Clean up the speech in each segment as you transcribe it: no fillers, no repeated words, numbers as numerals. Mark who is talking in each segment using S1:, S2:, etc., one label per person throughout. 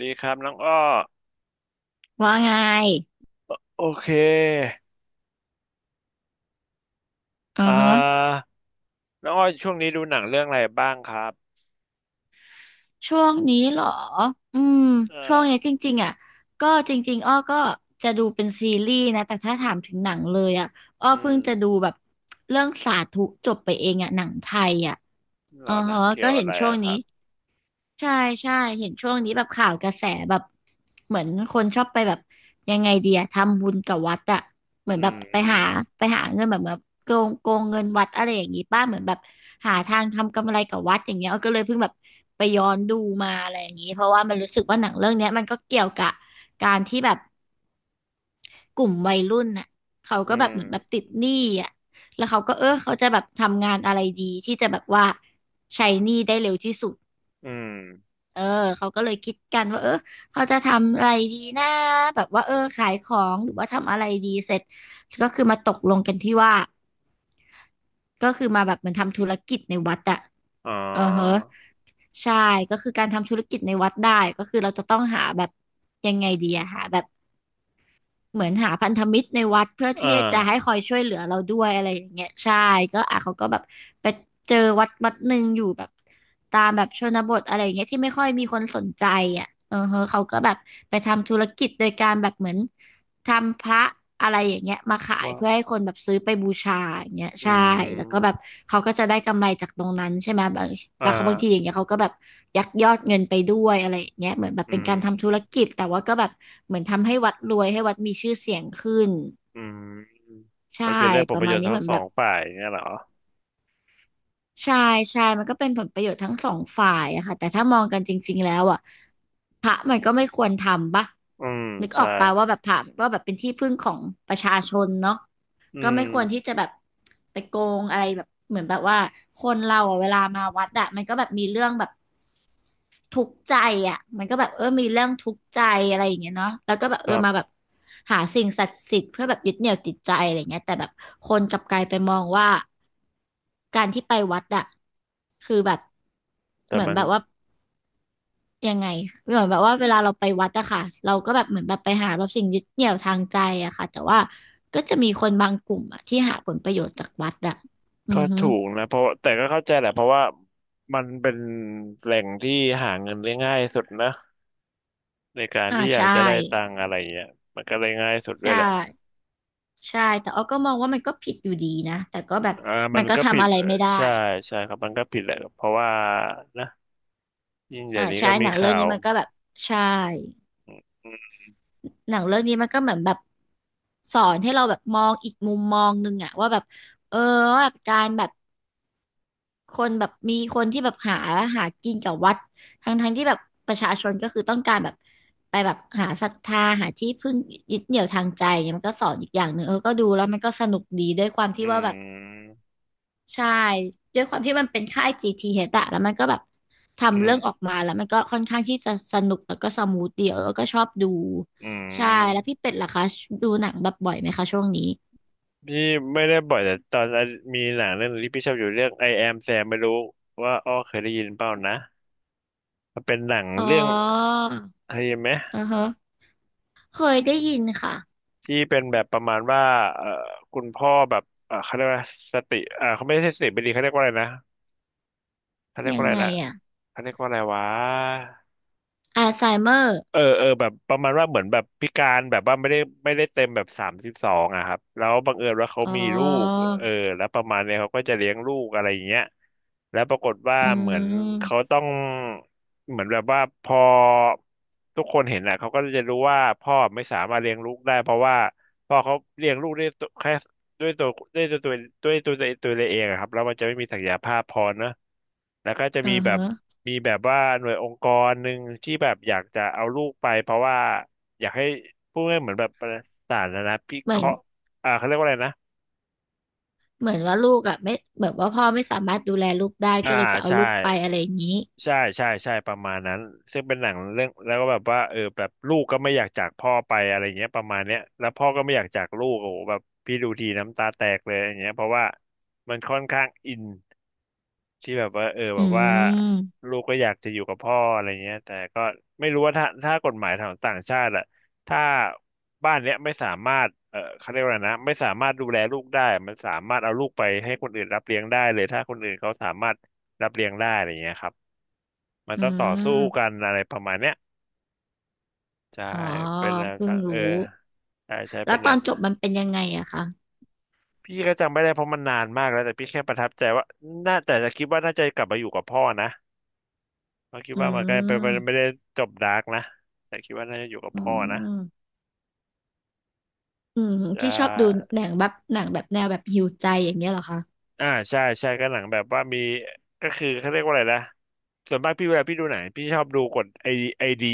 S1: ดีครับน้องอ้อ
S2: ว่าไง
S1: โอเค
S2: อื
S1: อ่
S2: อฮะ
S1: าน้องอ้อช่วงนี้ดูหนังเรื่องอะไรบ้างครับ
S2: ช่วงนี้เหรอ อืม
S1: เอ
S2: ช่วง
S1: อ
S2: เนี้ยจริงๆอ่ะ ก็จริงๆอ้อก็จะดูเป็นซีรีส์นะ แต่ถ้าถามถึงหนังเลยอ่ะอ้อ
S1: อื
S2: เพิ่
S1: ม
S2: งจะดูแบบเรื่องสาธุจบไปเองอ่ะหนังไทยอ่ะ
S1: หร
S2: อือ
S1: อหนั
S2: ฮะ
S1: งเกี่
S2: ก็
S1: ยว
S2: เห็
S1: อะ
S2: น
S1: ไร
S2: ช่วง
S1: อะค
S2: นี้
S1: รับ
S2: ใช่ใช่เห็นช่วงนี้แบบข่าวกระแสแบบเหมือนคนชอบไปแบบยังไงดีอะทำบุญกับวัดอะเหมือน
S1: อื
S2: แบบไปหา
S1: ม
S2: ไปหาเงินแบบแบบโกงเงินวัดอะไรอย่างงี้ป้าเหมือนแบบหาทางทำกำไรกับวัดอย่างเงี้ยก็เลยเพิ่งแบบไปย้อนดูมาอะไรอย่างงี้เพราะว่ามันรู้สึกว่าหนังเรื่องเนี้ยมันก็เกี่ยวกับการที่แบบกลุ่มวัยรุ่นน่ะเขา
S1: อื
S2: ก็แบบเหมือนแบบติ
S1: ม
S2: ดหนี้อะแล้วเขาก็เออเขาจะแบบทำงานอะไรดีที่จะแบบว่าใช้หนี้ได้เร็วที่สุด
S1: อืม
S2: เออเขาก็เลยคิดกันว่าเออเขาจะทำอะไรดีนะแบบว่าเออขายของหรือว่าทำอะไรดีเสร็จก็คือมาตกลงกันที่ว่าก็คือมาแบบเหมือนทำธุรกิจในวัดอะ
S1: อ๋อ
S2: เออเฮะใช่ก็คือการทำธุรกิจในวัดได้ก็คือเราจะต้องหาแบบยังไงดีอะหาแบบ เหมือนหาพันธมิตรในวัดเพื่อ
S1: อ่า
S2: ที่จะให้คอยช่วยเหลือเราด้วยอะไรอย่างเงี้ยใช่ก็อ่ะเขาก็แบบไปเจอวัดหนึ่งอยู่แบบตามแบบชนบทอะไรอย่างเงี้ยที่ไม่ค่อยมีคนสนใจอ่ะเออเฮอเขาก็แบบไปทำธุรกิจโดยการแบบเหมือน ทำพระอะไรอย่างเงี้ยมาขาย
S1: ว่า
S2: เพื่อให้คนแบบซื้อไปบูชาอย่างเงี้ย
S1: อื
S2: ใช่แล้วก็แบบ
S1: ม
S2: เขาก็จะได้กำไรจากตรงนั้นใช่ไหมบาง
S1: อ่
S2: แล้วเขาบางทีอ
S1: า
S2: ย่างเงี้ยเขาก็แบบยักยอดเงินไปด้วยอะไรอย่างเงี้ยเหมือนแบบ
S1: อื
S2: เป็น
S1: ม
S2: การทำธุรกิจแต่ว่าก็แบบเหมือนทำให้วัดรวยให้วัดมีชื่อเสียงขึ้น
S1: อืม
S2: ใช่
S1: ก็คือเรื่องผ
S2: ป
S1: ลป
S2: ระ
S1: ระโย
S2: มาณ
S1: ชน์
S2: นี้
S1: ทั้
S2: เห
S1: ง
S2: มือน
S1: ส
S2: แบ
S1: อง
S2: บ
S1: ฝ่ายเนี่ยเหรอ
S2: ใช่ใช่มันก็เป็นผลประโยชน์ทั้งสองฝ่ายอะค่ะแต่ถ้ามองกันจริงๆแล้วอะพระมันก็ไม่ควรทำปะ
S1: อืม
S2: นึกออ
S1: ใช่
S2: กปะว่าแบบพระก็แบบเป็นที่พึ่งของประชาชนเนาะ
S1: อื
S2: ก็ไม่
S1: ม
S2: ควรที่จะแบบไปโกงอะไรแบบเหมือนแบบว่าคนเราอะเวลามาวัดอะมันก็แบบมีเรื่องแบบทุกข์ใจอะมันก็แบบเออมีเรื่องทุกข์ใจอะไรอย่างเงี้ยเนาะแล้วก็แบบ
S1: ค
S2: เออ
S1: รั
S2: มาแบบ
S1: บ
S2: หาสิ่งศักดิ์สิทธิ์เพื่อแบบยึดเหนี่ยวจิตใจอะไรเงี้ยแต่แบบคนกลับกลายไปมองว่าการที่ไปวัดอะคือแบบ
S1: แต่
S2: เหมือน
S1: มัน
S2: แบบว่า ยังไงเหมือนแบบว่าเวลาเราไปวัดอะค่ะเราก็แบบเหมือนแบบไปหาแบบสิ่งยึดเหนี่ยวทางใจอะค่ะแต่ว่าก็จะมีคนบางกลุ่มอะที่หาผลประโยชน์จากวัดอะอื
S1: ก็
S2: อฮึ
S1: ถูกนะเพราะแต่ก็เข้าใจแหละเพราะว่ามันเป็นแหล่งที่หาเงินได้ง่ายสุดนะในการ
S2: อ่า
S1: ที่อยาก
S2: ใช่
S1: จะได้ตังค์อะไรเงี้ยมันก็เลยง่ายสุดด้วย
S2: ใช่
S1: แหละ
S2: ใช่แต่อ้อก็มองว่ามันก็ผิดอยู่ดีนะแต่ก็แบบ
S1: อ่ามั
S2: มั
S1: น
S2: นก็
S1: ก็ผิ
S2: ทำ
S1: ด
S2: อะไรไม่ได้
S1: ใช่ใช่ครับมันก็ผิดแหละเพราะว่านะยิ่งเดี๋
S2: อ่า
S1: ยวนี้
S2: ใช่
S1: ก็
S2: ห
S1: มี
S2: นังเรื่อ
S1: ข่า
S2: งนี้
S1: ว
S2: มันก็แบบใช่หนังเรื่องนี้มันก็เหมือนแบบสอนให้เราแบบมองอีกมุมมองหนึงอะว่าแบบเออว่าแบบการแบบ คนแบบมีคนที่แบบหากินกับวัดทั้งที่แบบประชาชนก็คือต้องการแบบไปแบบหาศรัทธาหาที่พึ่งยึดเหนี่ยวทางใจเนี่ยมันก็สอนอีกอย่างหนึ่งเออก็ดูแล้วมันก็สนุกดีด้วยความ
S1: อื
S2: ที่ว่าแบบ
S1: ม
S2: ใช่ด้วยความที่มันเป็นค่าย GTH อชอะแล้วมันก็แบบ
S1: อื
S2: ทำ
S1: ม
S2: เรื่องออกมาแล้วมันก็ค่อนข้างที่จะสนุกแล้วก็สมูทดีเออก็ชอบดู
S1: อื
S2: ใช่แล้ว
S1: ม
S2: พี่เป็ดล่ะคะดูหนังแบบบ่อยไหมคะช่วงนี้
S1: พี่ไม่ได้บ่อยแต่ตอนนั้นมีหนังเรื่องหนึงที่พี่ชอบอยู่เรื่อง I Am Sam ไม่รู้ว่าอ้อเคยได้ยินเปล่านะมันเป็นหนัง
S2: อ๋อ
S1: เรื่องเคยได้ยินไหม
S2: อือฮะเคยได้ยินค่ะ
S1: ที่เป็นแบบประมาณว่าเอ่อคุณพ่อแบบเขาเรียกว่าสติเขาไม่ใช่สติไม่ดีเขาเรียกว่าอะไรนะเขาเรียก
S2: ยั
S1: ว่า
S2: ง
S1: อะไร
S2: ไง
S1: นะ
S2: อ่ะ
S1: เขาเรียกว่าอะไรวะ
S2: อัลไซเมอร์
S1: เออเออแบบประมาณว่าเหมือนแบบพิการแบบว่าไม่ได้ไม่ได้เต็มแบบ32อะครับแล้วบังเอิญว่าเขา
S2: อ๋
S1: มีลูก
S2: อ
S1: เออแล้วประมาณเนี้ยเขาก็จะเลี้ยงลูกอะไรอย่างเงี้ยแล้วปรากฏว่า
S2: อื
S1: เหมือนเขา
S2: ม
S1: ต้อง เหมือนแบบว่าพอทุกคนเห็นอะเขาก็จะรู้ว่าพ่อไม่สามารถเลี้ยงลูกได้เพราะว่าพ่อเขาเลี้ยงลูกได้แค่ ด้วยตัวด้วยตัวตัวด้วยตัวตัวตัวเองอะครับแล้วมันจะไม่มีศักยภาพพอเนอะแล้วก็จะ
S2: อ่า
S1: มีแบ
S2: ฮะ
S1: บมีแบบว่าหน่วยองค์กรหนึ่งที่แบบอยากจะเอาลูกไปเพราะว่าอยากให้พูดง่ายๆเหมือนแบบประสาทนะนพิ
S2: เห
S1: เค
S2: มือน
S1: ราะห์อ่าเขาเรียกว่าอะไรนะ
S2: เหมือนว่าลูกอ่ะไม่แบบว่าพ่อไม่สามารถดูแลลูกได้
S1: อ่า
S2: ก็เลยจะเอา
S1: ใช่
S2: ลูกไปอะไรอย่างนี้
S1: ใช่ใช่ใช่ประมาณนั้นซึ่งเป็นหนังเรื่องแล้วก็แบบว่าเออแบบลูกก็ไม่อยากจากพ่อไปอะไรเงี้ยประมาณเนี้ยแล้วพ่อก็ไม่อยากจากลูกโอ้โหแบบพี่ดูทีน้ำตาแตกเลยอย่างเงี้ยเพราะว่ามันค่อนข้างอิน ที่แบบว่าเออ
S2: อื
S1: แบบว่า
S2: ม
S1: ลูกก็อยากจะอยู่กับพ่ออะไรเงี้ยแต่ก็ไม่รู้ว่าถ้าถ้ากฎหมายของต่างชาติอะถ้าบ้านเนี้ยไม่สามารถเออเขาเรียกว่าอะไรนะไม่สามารถดูแลลูกได้มันสามารถเอาลูกไปให้คนอื่นรับเลี้ยงได้เลยถ้าคนอื่นเขาสามารถรับเลี้ยงได้อะไรเงี้ยครับมัน
S2: อื
S1: ต้องต่อสู้กั
S2: ม
S1: นอะไรประมาณเนี้ยใช่
S2: อ๋อ
S1: เป็นหนัง
S2: เพิ่
S1: สั
S2: ง
S1: งเอ
S2: รู้
S1: อใช่ใช่
S2: แล้
S1: เป็
S2: ว
S1: นห
S2: ต
S1: นั
S2: อน
S1: ง
S2: จบมันเป็นยังไงอะคะ
S1: พี่ก็จำไม่ได้เพราะมันนานมากแล้วแต่พี่แค่ประทับใจว่าน่าแต่จะคิดว่าน่าจะกลับมาอยู่กับพ่อนะ เราคิด
S2: อื
S1: ว่ามันก็ไปไปไม่
S2: ม
S1: ได้จบดาร์กนะแต่คิดว่าน่าจะอยู่กับ
S2: อื
S1: พ่อนะ
S2: มอืม
S1: อ่
S2: พี่ชอบดู
S1: า
S2: หนังแบบหนังแบบแนวแบบหิวใจอย่างเงี้ยเหรอคะ
S1: อ่าใช่ใช่ก็หนังแบบว่ามีก็คือเขาเรียกว่าอะไรนะส่วนมากพี่เวลาพี่ดูหนังพี่ชอบดูกฎไอดี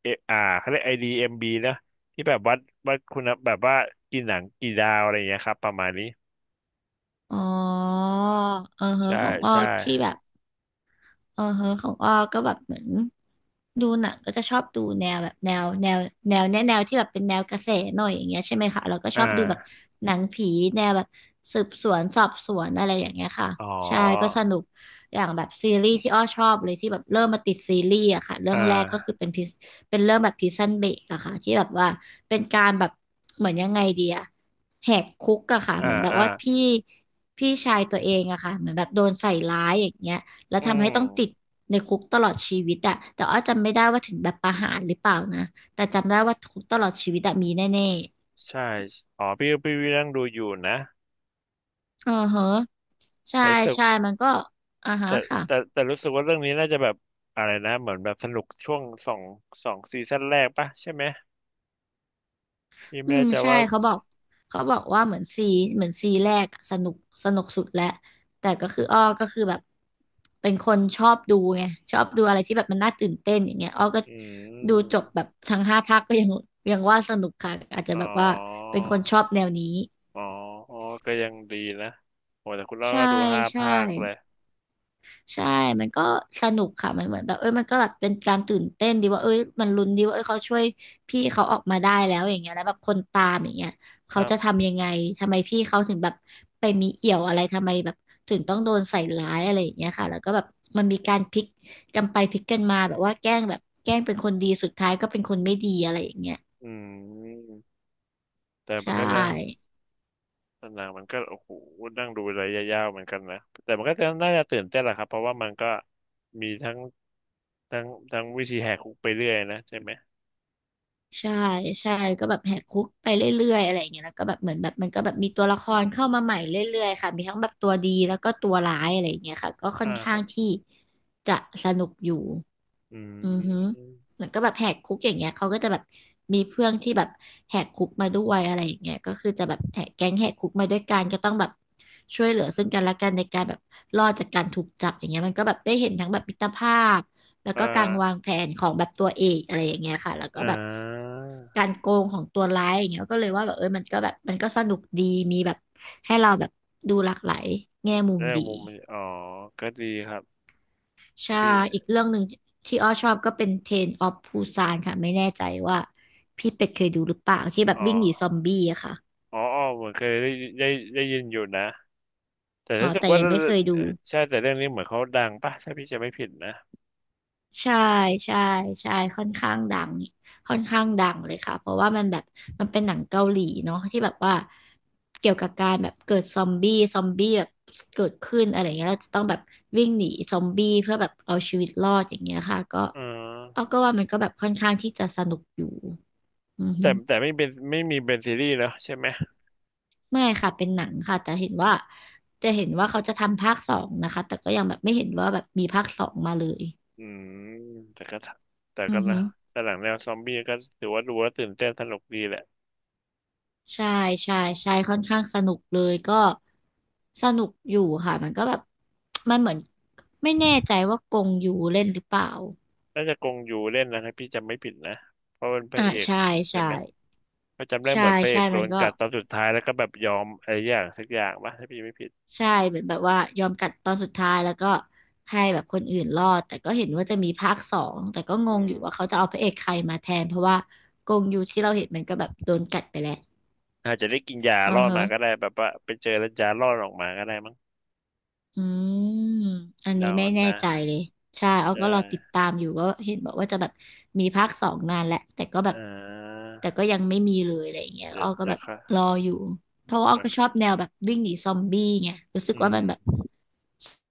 S1: เออ่าเขาเรียกไอดีเอ็มบีนะที่แบบวัดวัดคุณภาพแบบว่ากี่หนังกี่ดาวอะไรอย่างเงี้ยครับประมาณนี้
S2: อ๋อเออฮะ
S1: ใช่
S2: ของอ้อ
S1: ใช่
S2: ที่แบบ เอือเฮอของอ้อก็แบบเหมือนดูหนังก็จะชอบดูแนวแบบแนวที่แบบเป็นแนวกระแสหน่อยอย่างเงี้ยใช่ไหมคะเราก็ช
S1: อ่
S2: อบดูแบบ
S1: า
S2: หนังผีแนวแบบสืบสวนสอบสวนอะไรอย่างเงี้ยค่ะ
S1: อ๋อ
S2: ใช่ก็สนุกอย่างแบบซีรีส์ที่อ้อชอบเลยที่แบบเริ่มมาติดซีรีส์อะค่ะเรื่
S1: อ่
S2: องแรกก็คือ
S1: า
S2: เป็นพิเป็นเรื่องแบบพ i ซันเบรกอะค่ะที่แบบว่าเป็นการแบบเหมือนยังไงดีอะแหกคุกอะค่ะ
S1: อ่า
S2: เหมือนแบบ
S1: อ่า
S2: ว่าพี่ชายตัวเองอะค่ะเหมือนแบบโดนใส่ร้ายอย่างเงี้ย แล้ว
S1: อื
S2: ทำให้ต้องติด
S1: ม
S2: ในคุกตลอดชีวิตอะแต่อ้อจำไม่ได้ว่าถึงแบบประหารหรือเปล่านะแต่จำได้ว่าคุกตลอดชีวิตอะมีแน่
S1: ใช่อ๋อพี่พี่นั่งดูอยู่นะ
S2: ๆอ่าฮะใช่
S1: แล้วรู้สึก
S2: ใช่มันก็อ่าฮะ
S1: แต่
S2: ค่ะ
S1: แต่รู้สึกว่าเรื่องนี้น่าจะแบบอะไรนะเหมือนแบบสนุกช่วงสองซีซั่นแรกปะใช่ไหมพี่
S2: อื
S1: ไม่
S2: ม
S1: แน่ใจ
S2: ใช่
S1: ว่า
S2: เขาบอกว่าเหมือนซีเหมือนซีแรกอะสนุก สนุกสุดแล้วแต่ก็คืออ้อก็คือแบบเป็นคนชอบดูไงชอบดูอะไรที่แบบมันน่าตื่นเต้นอย่างเงี้ยอ้อก็
S1: อื
S2: ดูจบแบบ
S1: ม
S2: ทั้งห้าภาคก็ยังว่าสนุกค่ะอาจจะ
S1: อ๋อ
S2: แบบว่าเป็นคนชอบแนวนี้
S1: อ๋ออ๋อก็ยังดีนะโอ้แต่คุณเล่า
S2: ใช่
S1: ก็ดูห้า
S2: ใช่
S1: ภาคเลย
S2: ใช่มันก็สนุกค่ะมันเหมือนแบบเอ้ยมันก็แบบเป็นการตื่นเต้นดีว่าเอ้ยมันลุ้นดีว่าเอ้ยเขาช่วยพี่เขาออกมาได้แล้วอย่างเงี้ยแล้วแบบคนตามอย่างเงี้ย
S1: ค
S2: เขา
S1: รั
S2: จะ
S1: บ
S2: ทำยังไงทำไมพี่เขาถึงแบบไปมีเอี่ยวอะไรทำไมแบบถึงต้องโดนใส่ร้ายอะไรอย่างเงี้ยค่ะแล้วก็แบบมันมีการพลิกกันไปพลิกกันมาแบบว่าแกล้งเป็นคนดีสุดท้ายก็เป็นคนไม่ดีอะไรอย่างเงี้ย
S1: อืมแต่มั
S2: ใช่
S1: นก็นะหนังมันก็โอ้โหนั่งดูระยะยาวเหมือนกันนะแต่มันก็จะน่าจะตื่นเต้นแหละครับเพราะว่ามันก็มีทั้งทั้งวิธีแหกคุกไปเรื่อยนะใช่ไหม
S2: ใช่ใช่ก็แบบแหกคุกไปเรื่อยๆอะไรอย่างเงี้ยแล้วก็แบบเหมือนแบบมันก็แบบมีตัวละครเข้ามาใหม่เรื่อยๆค่ะ มีทั้งแบบตัวดีแล้วก็ตัวร้ายอะไรอย่างเงี้ยค่ะ ก็ค่อ
S1: อ่า
S2: น
S1: ค
S2: ข้า
S1: รั
S2: ง
S1: บ
S2: ที่จะสนุกอยู่
S1: อื
S2: อือฮึ
S1: ม
S2: แล้วก็แบบแหกคุกอย่างเงี้ยเขาก็จะแบบมีเพื่อนที่แบบแหกคุกมาด้วยอะไรอย่างเงี้ยก็คือจะแบบแหกแก๊งแหกคุกมาด้วยกันก็ต้องแบบช่วยเหลือซึ่งกันและกันในการแบบรอดจากการถูกจับอย่างเงี้ยมันก็แบบได้เห็นทั้งแบบมิตรภาพแล้ว
S1: อ่
S2: ก็การวาง
S1: า
S2: แผนของแบบตัวเอกอะไรอย่างเงี้ยค่ะแล้วก็
S1: อ่
S2: แบบ
S1: า
S2: การโกงของตัวร้ายอย่างเงี้ยก็เลยว่าแบบเออมันก็แบบมันก็สนุกดีมีแบบให้เราแบบดูหลากหลายแง่มุม
S1: ได้
S2: ดี
S1: มุมมันอ๋อก็ดีครับ
S2: ใช่
S1: พี่
S2: อีกเรื่องหนึ่งที่อ้อชอบก็เป็นเทรนออฟปูซานค่ะไม่แน่ใจว่าพี่เป็ดเคยดูหรือเปล่าที่แบบ
S1: อ๋อ
S2: วิ่งหนีซอมบี้อะค่ะ
S1: อ๋ออ๋อเหมือนเคยได้ได้ยินอยู่นะแต่
S2: อ๋อ
S1: รู้สึก
S2: แต่
S1: ว่า
S2: ยังไม่เคยดู
S1: ใช่แต่เรื่องนี้เหมือนเขาดังป่ะถ้าพี่จะไม่ผิดนะ
S2: ใช่ใช่ใช่ค่อนข้างดังค่อน
S1: อื
S2: ข้าง
S1: ม
S2: ดังเลยค่ะเพราะว่ามันแบบมันเป็นหนังเกาหลีเนาะที่แบบว่าเกี่ยวกับการแบบเกิดซอมบี้แบบเกิดขึ้นอะไรเงี้ยเราจะต้องแบบวิ่งหนีซอมบี้เพื่อแบบเอาชีวิตรอดอย่างเงี้ยค่ะก็
S1: อ๋อ
S2: เอาก็ว่ามันก็แบบค่อนข้างที่จะสนุกอยู่อือฮึ
S1: แต่ไม่เป็นไม่มีเป็นซีรีส์แล้วใช่ไหม
S2: ไม่ค่ะเป็นหนังค่ะแต่เห็นว่าจะเห็นว่าเขาจะทำภาคสองนะคะแต่ก็ยังแบบไม่เห็นว่าแบบมีภาคสองมาเลย
S1: อืมแต่ก็แต่
S2: อื
S1: ก็
S2: อ
S1: นะ
S2: ฮึ
S1: แต่หลังแนวซอมบี้ก็ถือว่าดูแล้วตื่นเต้นสนุกดีแหละ
S2: ใช่ใช่ใช่ค่อนข้างสนุกเลยก็สนุกอยู่ค่ะมันก็แบบมันเหมือนไม่แน่ใจว่ากงยูเล่นหรือเปล่า
S1: น่าจะกงอยู่เล่นนะถ้าพี่จำไม่ผิดนะเพราะเป็นพระ
S2: อ่า
S1: เอก
S2: ใช่
S1: ใช่
S2: ใช่
S1: ไหม ก็จำได้
S2: ใช่
S1: เหมือนพระเอ
S2: ใช่
S1: กโด
S2: มัน
S1: น
S2: ก็
S1: กัดตอนสุดท้ายแล้วก็แบบยอมอะไรอย่างสักอย่างปะถ้าพี่ไม่ผิด
S2: ใช่เหมือนแบบว่ายอมกัดตอนสุดท้ายแล้วก็ให้แบบคนอื่นรอดแต่ก็เห็นว่าจะมีภาคสองแต่ก็ง
S1: อื
S2: งอยู่ว่าเขา
S1: ม
S2: จะเอาพระเอกใครมาแทนเพราะว่ากงยูที่เราเห็นมันก็แบบโดนกัดไปแล้ว
S1: อาจจะได้กินยา
S2: อื
S1: ร
S2: อ
S1: อด
S2: ฮะ
S1: มาก็ได้แบบว่าไปเจอแล้วยารอดออกมาก็ได้มั้ง
S2: อืม อันนี้
S1: เรา
S2: ไม่แน่
S1: นะ
S2: ใจเลย ใช่เอา
S1: ได้
S2: ก็รอติดตามอยู่ก็เห็นบอกว่าจะแบบมีภาคสองนานแหละ แต่ก็แบบ
S1: อ่า
S2: แต่ก็ยังไม่มีเลยอะไรอย่างเงี้ย
S1: เดี๋ย
S2: อ้
S1: ว
S2: อก็
S1: จะ
S2: แบบ
S1: ค่ะ
S2: รออยู่ เพราะว่าอ้อ
S1: เดี๋ยว
S2: ก็ชอบแนวแบบวิ่งหนีซอมบี้ไงรู้สึก
S1: อื
S2: ว่ามันแบบ
S1: ม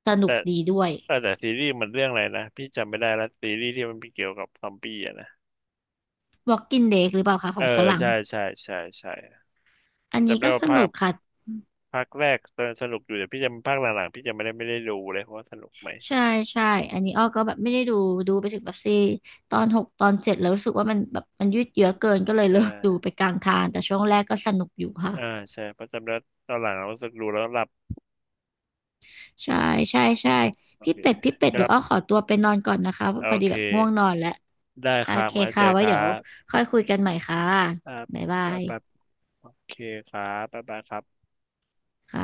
S2: สนุ
S1: แต่
S2: กดีด้วย
S1: แต่ซีรีส์มันเรื่องอะไรนะพี่จำไม่ได้แล้วซีรีส์ที่มันเกี่ยวกับซอมบี้อะนะ
S2: Walking Dead หรือเปล่าคะข
S1: เออ
S2: องฝรั่ง
S1: ใช่ใช่ใช่ใช่
S2: อันนี้
S1: จำได้
S2: ก็
S1: ว่า
S2: ส
S1: ภา
S2: นุ
S1: ค
S2: กค่ะ
S1: ภาคแรกตอนสนุกอยู่แต่พี่จำภาคหลังๆพี่จำไม่ได้ไม่ได้ดูเลยเพราะว่าสนุกไหม
S2: ใช่ใช่อันนี้อ้อก็แบบไม่ได้ดูดูไปถึงแบบซีตอนหกตอนเจ็ดแล้วรู้สึกว่ามันแบบมันยืดเยื้อเกินก็เลย
S1: ใช่
S2: เลิกดูไปกลางทางแต่ช่วงแรกก็สนุกอยู่
S1: อ่า
S2: ค่ะ
S1: ใช่ประจำแล้วตอนหลังเรารู้สึกดูแล้วหลับ
S2: ใช่ใช่ใช่
S1: โอ
S2: พี่
S1: เค
S2: เป็ดพี่เป็ด
S1: ค
S2: เดี๋
S1: รั
S2: ยว
S1: บ
S2: อ้อขอตัวไปนอนก่อนนะคะเพ
S1: โอ
S2: ราะพอดี
S1: เค
S2: แบบง่วงนอนแล้ว
S1: ได้
S2: โอ
S1: ครับ
S2: เค
S1: มาเจ
S2: ค่ะ
S1: อ
S2: ไว้
S1: ครั
S2: เดี๋ยว
S1: บ
S2: ค่อยคุยกันใหม่ค่ะ
S1: อ่า
S2: บ๊ายบา
S1: ไป
S2: ย
S1: ไปโอเคครับบ๊ายบายครับ
S2: ค่ะ